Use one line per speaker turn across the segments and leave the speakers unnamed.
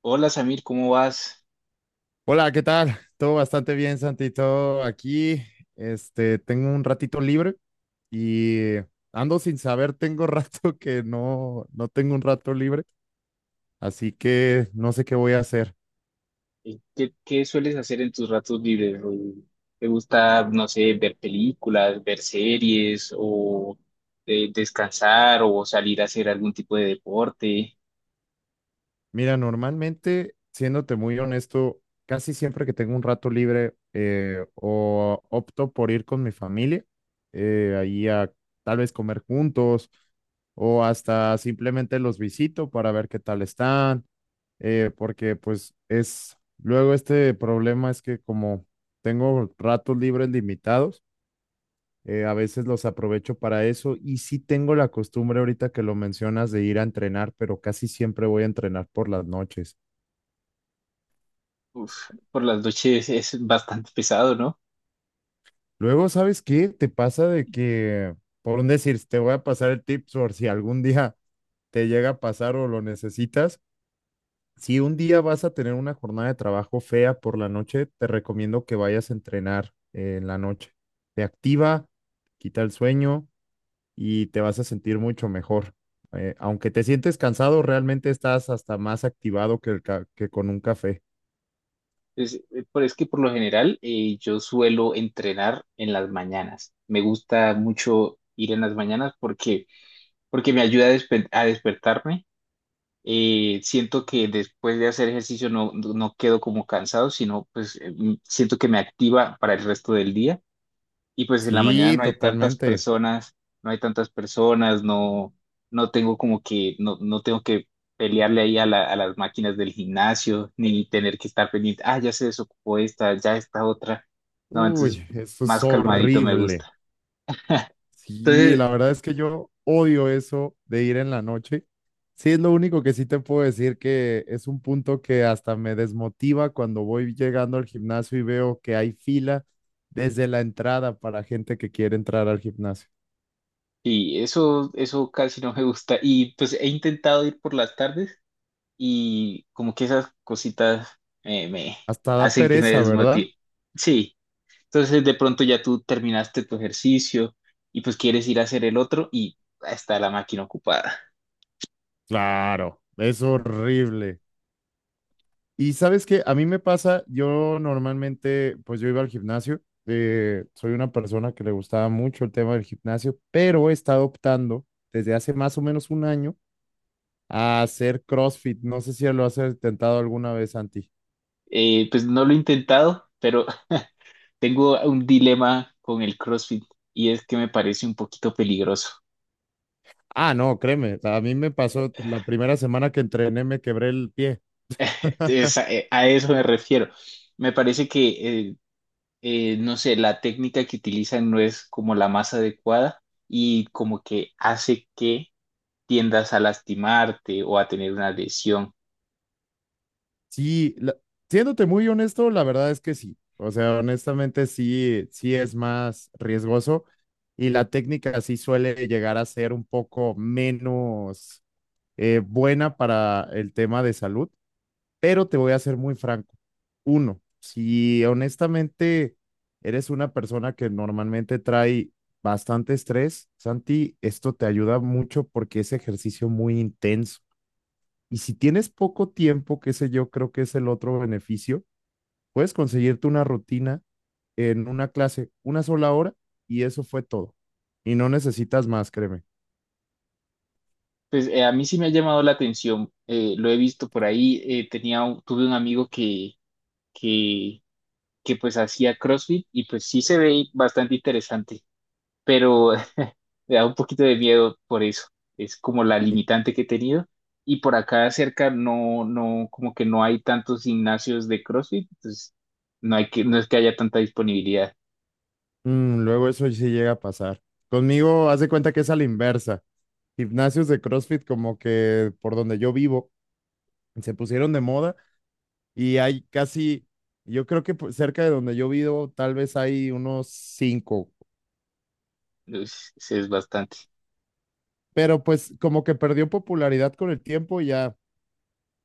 Hola Samir, ¿cómo vas?
Hola, ¿qué tal? Todo bastante bien, Santi. Todo aquí. Tengo un ratito libre y ando sin saber, tengo rato que no tengo un rato libre, así que no sé qué voy a hacer.
¿Qué sueles hacer en tus ratos libres? O, ¿te gusta, no sé, ver películas, ver series o descansar o salir a hacer algún tipo de deporte?
Mira, normalmente, siéndote muy honesto, casi siempre que tengo un rato libre, o opto por ir con mi familia, ahí a tal vez comer juntos o hasta simplemente los visito para ver qué tal están, porque pues es, luego este problema es que como tengo ratos libres limitados, a veces los aprovecho para eso y sí tengo la costumbre ahorita que lo mencionas de ir a entrenar, pero casi siempre voy a entrenar por las noches.
Uf, por las noches es bastante pesado, ¿no?
Luego, ¿sabes qué? Te pasa de que, por un decir, te voy a pasar el tip por si algún día te llega a pasar o lo necesitas. Si un día vas a tener una jornada de trabajo fea por la noche, te recomiendo que vayas a entrenar en la noche. Te activa, quita el sueño y te vas a sentir mucho mejor. Aunque te sientes cansado, realmente estás hasta más activado que con un café.
Es, pero es que por lo general yo suelo entrenar en las mañanas. Me gusta mucho ir en las mañanas porque me ayuda a a despertarme. Siento que después de hacer ejercicio no quedo como cansado, sino pues siento que me activa para el resto del día y pues en la mañana
Sí,
no hay tantas
totalmente.
personas, no hay tantas personas, no tengo como que, no tengo que pelearle ahí a a las máquinas del gimnasio, ni tener que estar pendiente, ah, ya se desocupó esta, ya esta otra, no, entonces
Uy, eso es
más calmadito me
horrible.
gusta.
Sí,
Entonces,
la verdad es que yo odio eso de ir en la noche. Sí, es lo único que sí te puedo decir que es un punto que hasta me desmotiva cuando voy llegando al gimnasio y veo que hay fila desde la entrada para gente que quiere entrar al gimnasio.
sí, eso casi no me gusta, y pues he intentado ir por las tardes y como que esas cositas me
Hasta da
hacen que me
pereza, ¿verdad?
desmotive. Sí. Entonces de pronto ya tú terminaste tu ejercicio y pues quieres ir a hacer el otro y está la máquina ocupada.
Claro, es horrible. Y sabes que a mí me pasa, yo normalmente, pues yo iba al gimnasio, soy una persona que le gustaba mucho el tema del gimnasio, pero he estado optando desde hace más o menos un año a hacer CrossFit. No sé si lo has intentado alguna vez, Santi.
Pues no lo he intentado, pero tengo un dilema con el CrossFit y es que me parece un poquito peligroso.
Ah, no, créeme, o sea, a mí me pasó la primera semana que entrené, me quebré el pie.
A eso me refiero. Me parece que, no sé, la técnica que utilizan no es como la más adecuada y como que hace que tiendas a lastimarte o a tener una lesión.
Sí, siéndote muy honesto, la verdad es que sí. O sea, honestamente sí, sí es más riesgoso y la técnica sí suele llegar a ser un poco menos, buena para el tema de salud, pero te voy a ser muy franco. Uno, si honestamente eres una persona que normalmente trae bastante estrés, Santi, esto te ayuda mucho porque es ejercicio muy intenso. Y si tienes poco tiempo, que sé yo, creo que es el otro beneficio, puedes conseguirte una rutina en una clase, una sola hora, y eso fue todo. Y no necesitas más, créeme.
Pues a mí sí me ha llamado la atención, lo he visto por ahí, tenía tuve un amigo que, que pues hacía CrossFit y pues sí se ve bastante interesante, pero me da un poquito de miedo por eso, es como la
Y,
limitante que he tenido y por acá cerca no, como que no hay tantos gimnasios de CrossFit, entonces no hay que, no es que haya tanta disponibilidad,
Luego eso sí llega a pasar. Conmigo, haz de cuenta que es a la inversa. Gimnasios de CrossFit, como que por donde yo vivo, se pusieron de moda y hay casi, yo creo que cerca de donde yo vivo, tal vez hay unos cinco,
es bastante.
pero pues como que perdió popularidad con el tiempo y ya.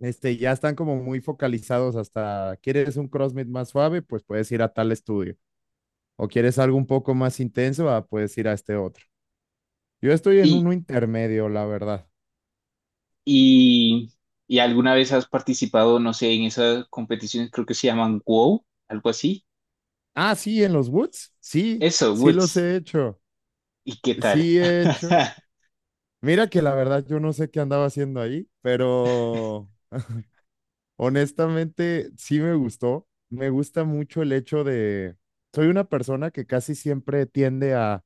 Ya están como muy focalizados hasta, ¿quieres un CrossFit más suave? Pues puedes ir a tal estudio. ¿O quieres algo un poco más intenso? Ah, puedes ir a este otro. Yo estoy en uno intermedio, la verdad.
Y, y alguna vez has participado, no sé, en esas competiciones, creo que se llaman WOW, algo así.
Ah, sí, en los Woods. Sí,
Eso,
sí los
Woods.
he hecho.
¿Y qué tal?
Sí he hecho. Mira que la verdad yo no sé qué andaba haciendo ahí, pero honestamente sí me gustó. Me gusta mucho el hecho de... Soy una persona que casi siempre tiende a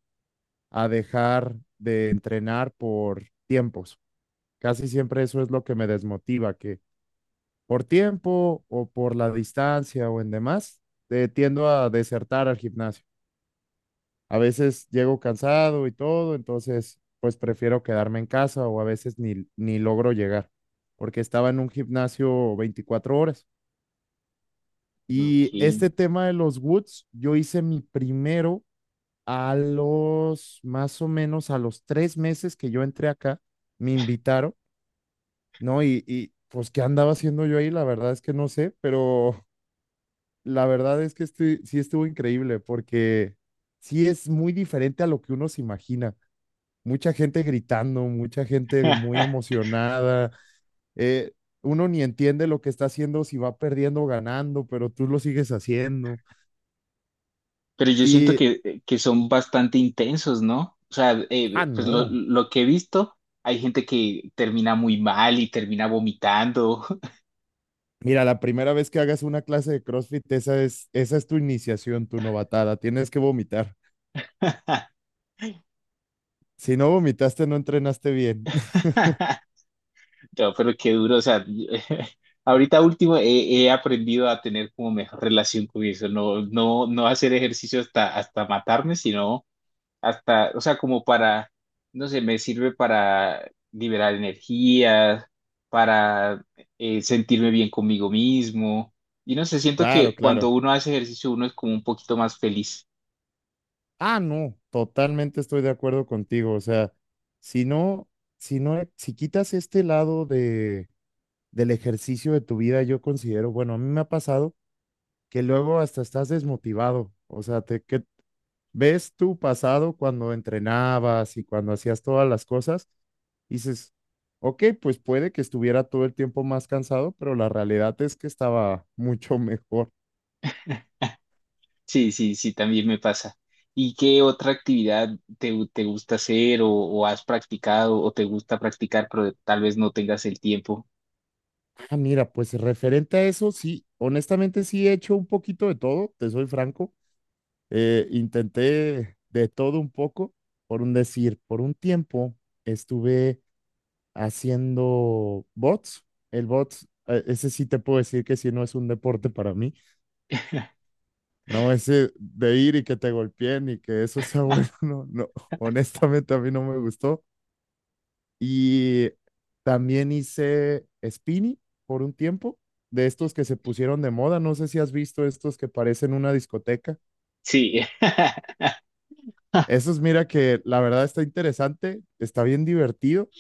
a dejar de entrenar por tiempos. Casi siempre eso es lo que me desmotiva, que por tiempo o por la distancia o en demás, tiendo a desertar al gimnasio. A veces llego cansado y todo, entonces pues prefiero quedarme en casa o a veces ni logro llegar, porque estaba en un gimnasio 24 horas.
Ok.
Y este tema de los Woods, yo hice mi primero. A los más o menos a los 3 meses que yo entré acá, me invitaron, ¿no? Y, pues, ¿qué andaba haciendo yo ahí? La verdad es que no sé, pero la verdad es que sí estuvo increíble porque sí es muy diferente a lo que uno se imagina. Mucha gente gritando, mucha gente muy emocionada. eh, Uno ni entiende lo que está haciendo, si va perdiendo o ganando, pero tú lo sigues haciendo.
Pero yo siento
Y,
que son bastante intensos, ¿no? O sea,
ah,
pues
no.
lo que he visto, hay gente que termina muy mal y termina vomitando.
Mira, la primera vez que hagas una clase de CrossFit, esa es tu iniciación, tu novatada. Tienes que vomitar. Si no vomitaste, no entrenaste bien.
No, pero qué duro, o sea, ahorita último he aprendido a tener como mejor relación con eso, no hacer ejercicio hasta, hasta matarme, sino hasta, o sea, como para, no sé, me sirve para liberar energía, para sentirme bien conmigo mismo, y no sé, siento
Claro,
que cuando
claro.
uno hace ejercicio uno es como un poquito más feliz.
Ah, no, totalmente estoy de acuerdo contigo. O sea, si no, si no, si quitas este lado de, del ejercicio de tu vida, yo considero, bueno, a mí me ha pasado que luego hasta estás desmotivado. O sea, que ves tu pasado cuando entrenabas y cuando hacías todas las cosas, y dices, ok, pues puede que estuviera todo el tiempo más cansado, pero la realidad es que estaba mucho mejor.
Sí, sí, sí, también me pasa. ¿Y qué otra actividad te gusta hacer o has practicado o te gusta practicar, pero tal vez no tengas el tiempo?
Ah, mira, pues referente a eso, sí, honestamente sí he hecho un poquito de todo, te soy franco, intenté de todo un poco, por un decir, por un tiempo estuve haciendo bots, el bots. Ese sí te puedo decir que sí no es un deporte para mí. No es de ir y que te golpeen y que eso sea bueno, no, no, honestamente a mí no me gustó. Y también hice spinning por un tiempo, de estos que se pusieron de moda, no sé si has visto estos que parecen una discoteca.
Sí,
Esos, mira que la verdad está interesante, está bien divertido,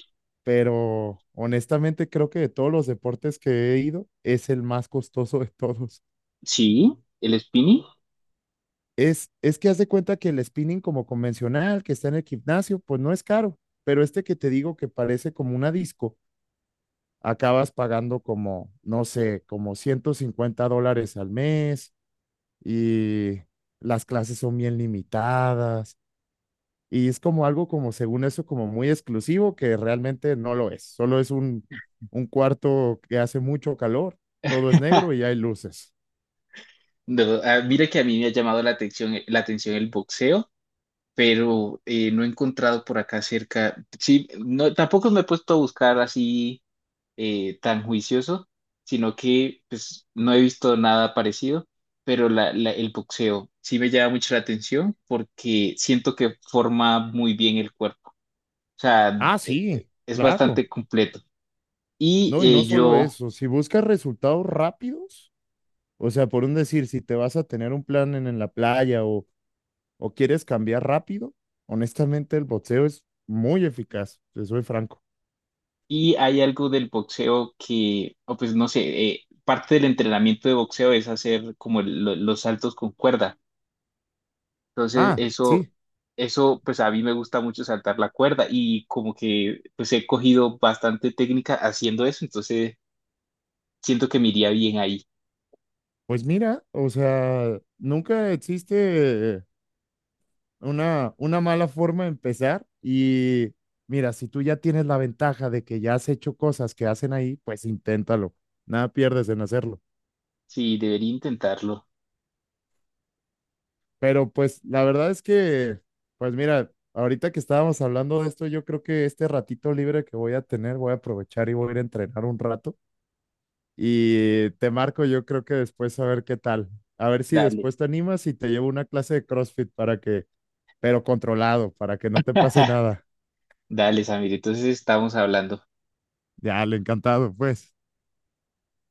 pero honestamente creo que de todos los deportes que he ido, es el más costoso de todos.
sí, el spinning.
Es que haz de cuenta que el spinning como convencional que está en el gimnasio, pues no es caro, pero este que te digo que parece como una disco, acabas pagando como, no sé, como $150 al mes y las clases son bien limitadas y es como algo como, según eso, como muy exclusivo que realmente no lo es, solo es un cuarto que hace mucho calor, todo es negro y hay luces.
No, ah, mira que a mí me ha llamado la atención, el boxeo, pero no he encontrado por acá cerca. Sí, no, tampoco me he puesto a buscar así tan juicioso, sino que pues no he visto nada parecido, pero el boxeo sí me llama mucho la atención porque siento que forma muy bien el cuerpo, o sea,
Ah, sí,
es
claro.
bastante completo. Y
No, y no
eh,
solo
yo,
eso, si buscas resultados rápidos, o sea, por un decir, si te vas a tener un plan en la playa o quieres cambiar rápido, honestamente el boxeo es muy eficaz, te soy franco.
y hay algo del boxeo que, o pues no sé, parte del entrenamiento de boxeo es hacer como los saltos con cuerda. Entonces,
Ah,
eso,
sí,
eso, pues a mí me gusta mucho saltar la cuerda y como que pues he cogido bastante técnica haciendo eso, entonces siento que me iría bien ahí.
pues mira, o sea, nunca existe una mala forma de empezar y mira, si tú ya tienes la ventaja de que ya has hecho cosas que hacen ahí, pues inténtalo, nada pierdes en hacerlo.
Sí, debería intentarlo.
Pero pues la verdad es que, pues mira, ahorita que estábamos hablando de esto, yo creo que este ratito libre que voy a tener, voy a aprovechar y voy a ir a entrenar un rato. Y te marco, yo creo que después a ver qué tal. A ver si
Dale.
después te animas y te llevo una clase de CrossFit para que, pero controlado, para que no te pase nada.
Dale, Samir, entonces estamos hablando.
Ya, le encantado, pues.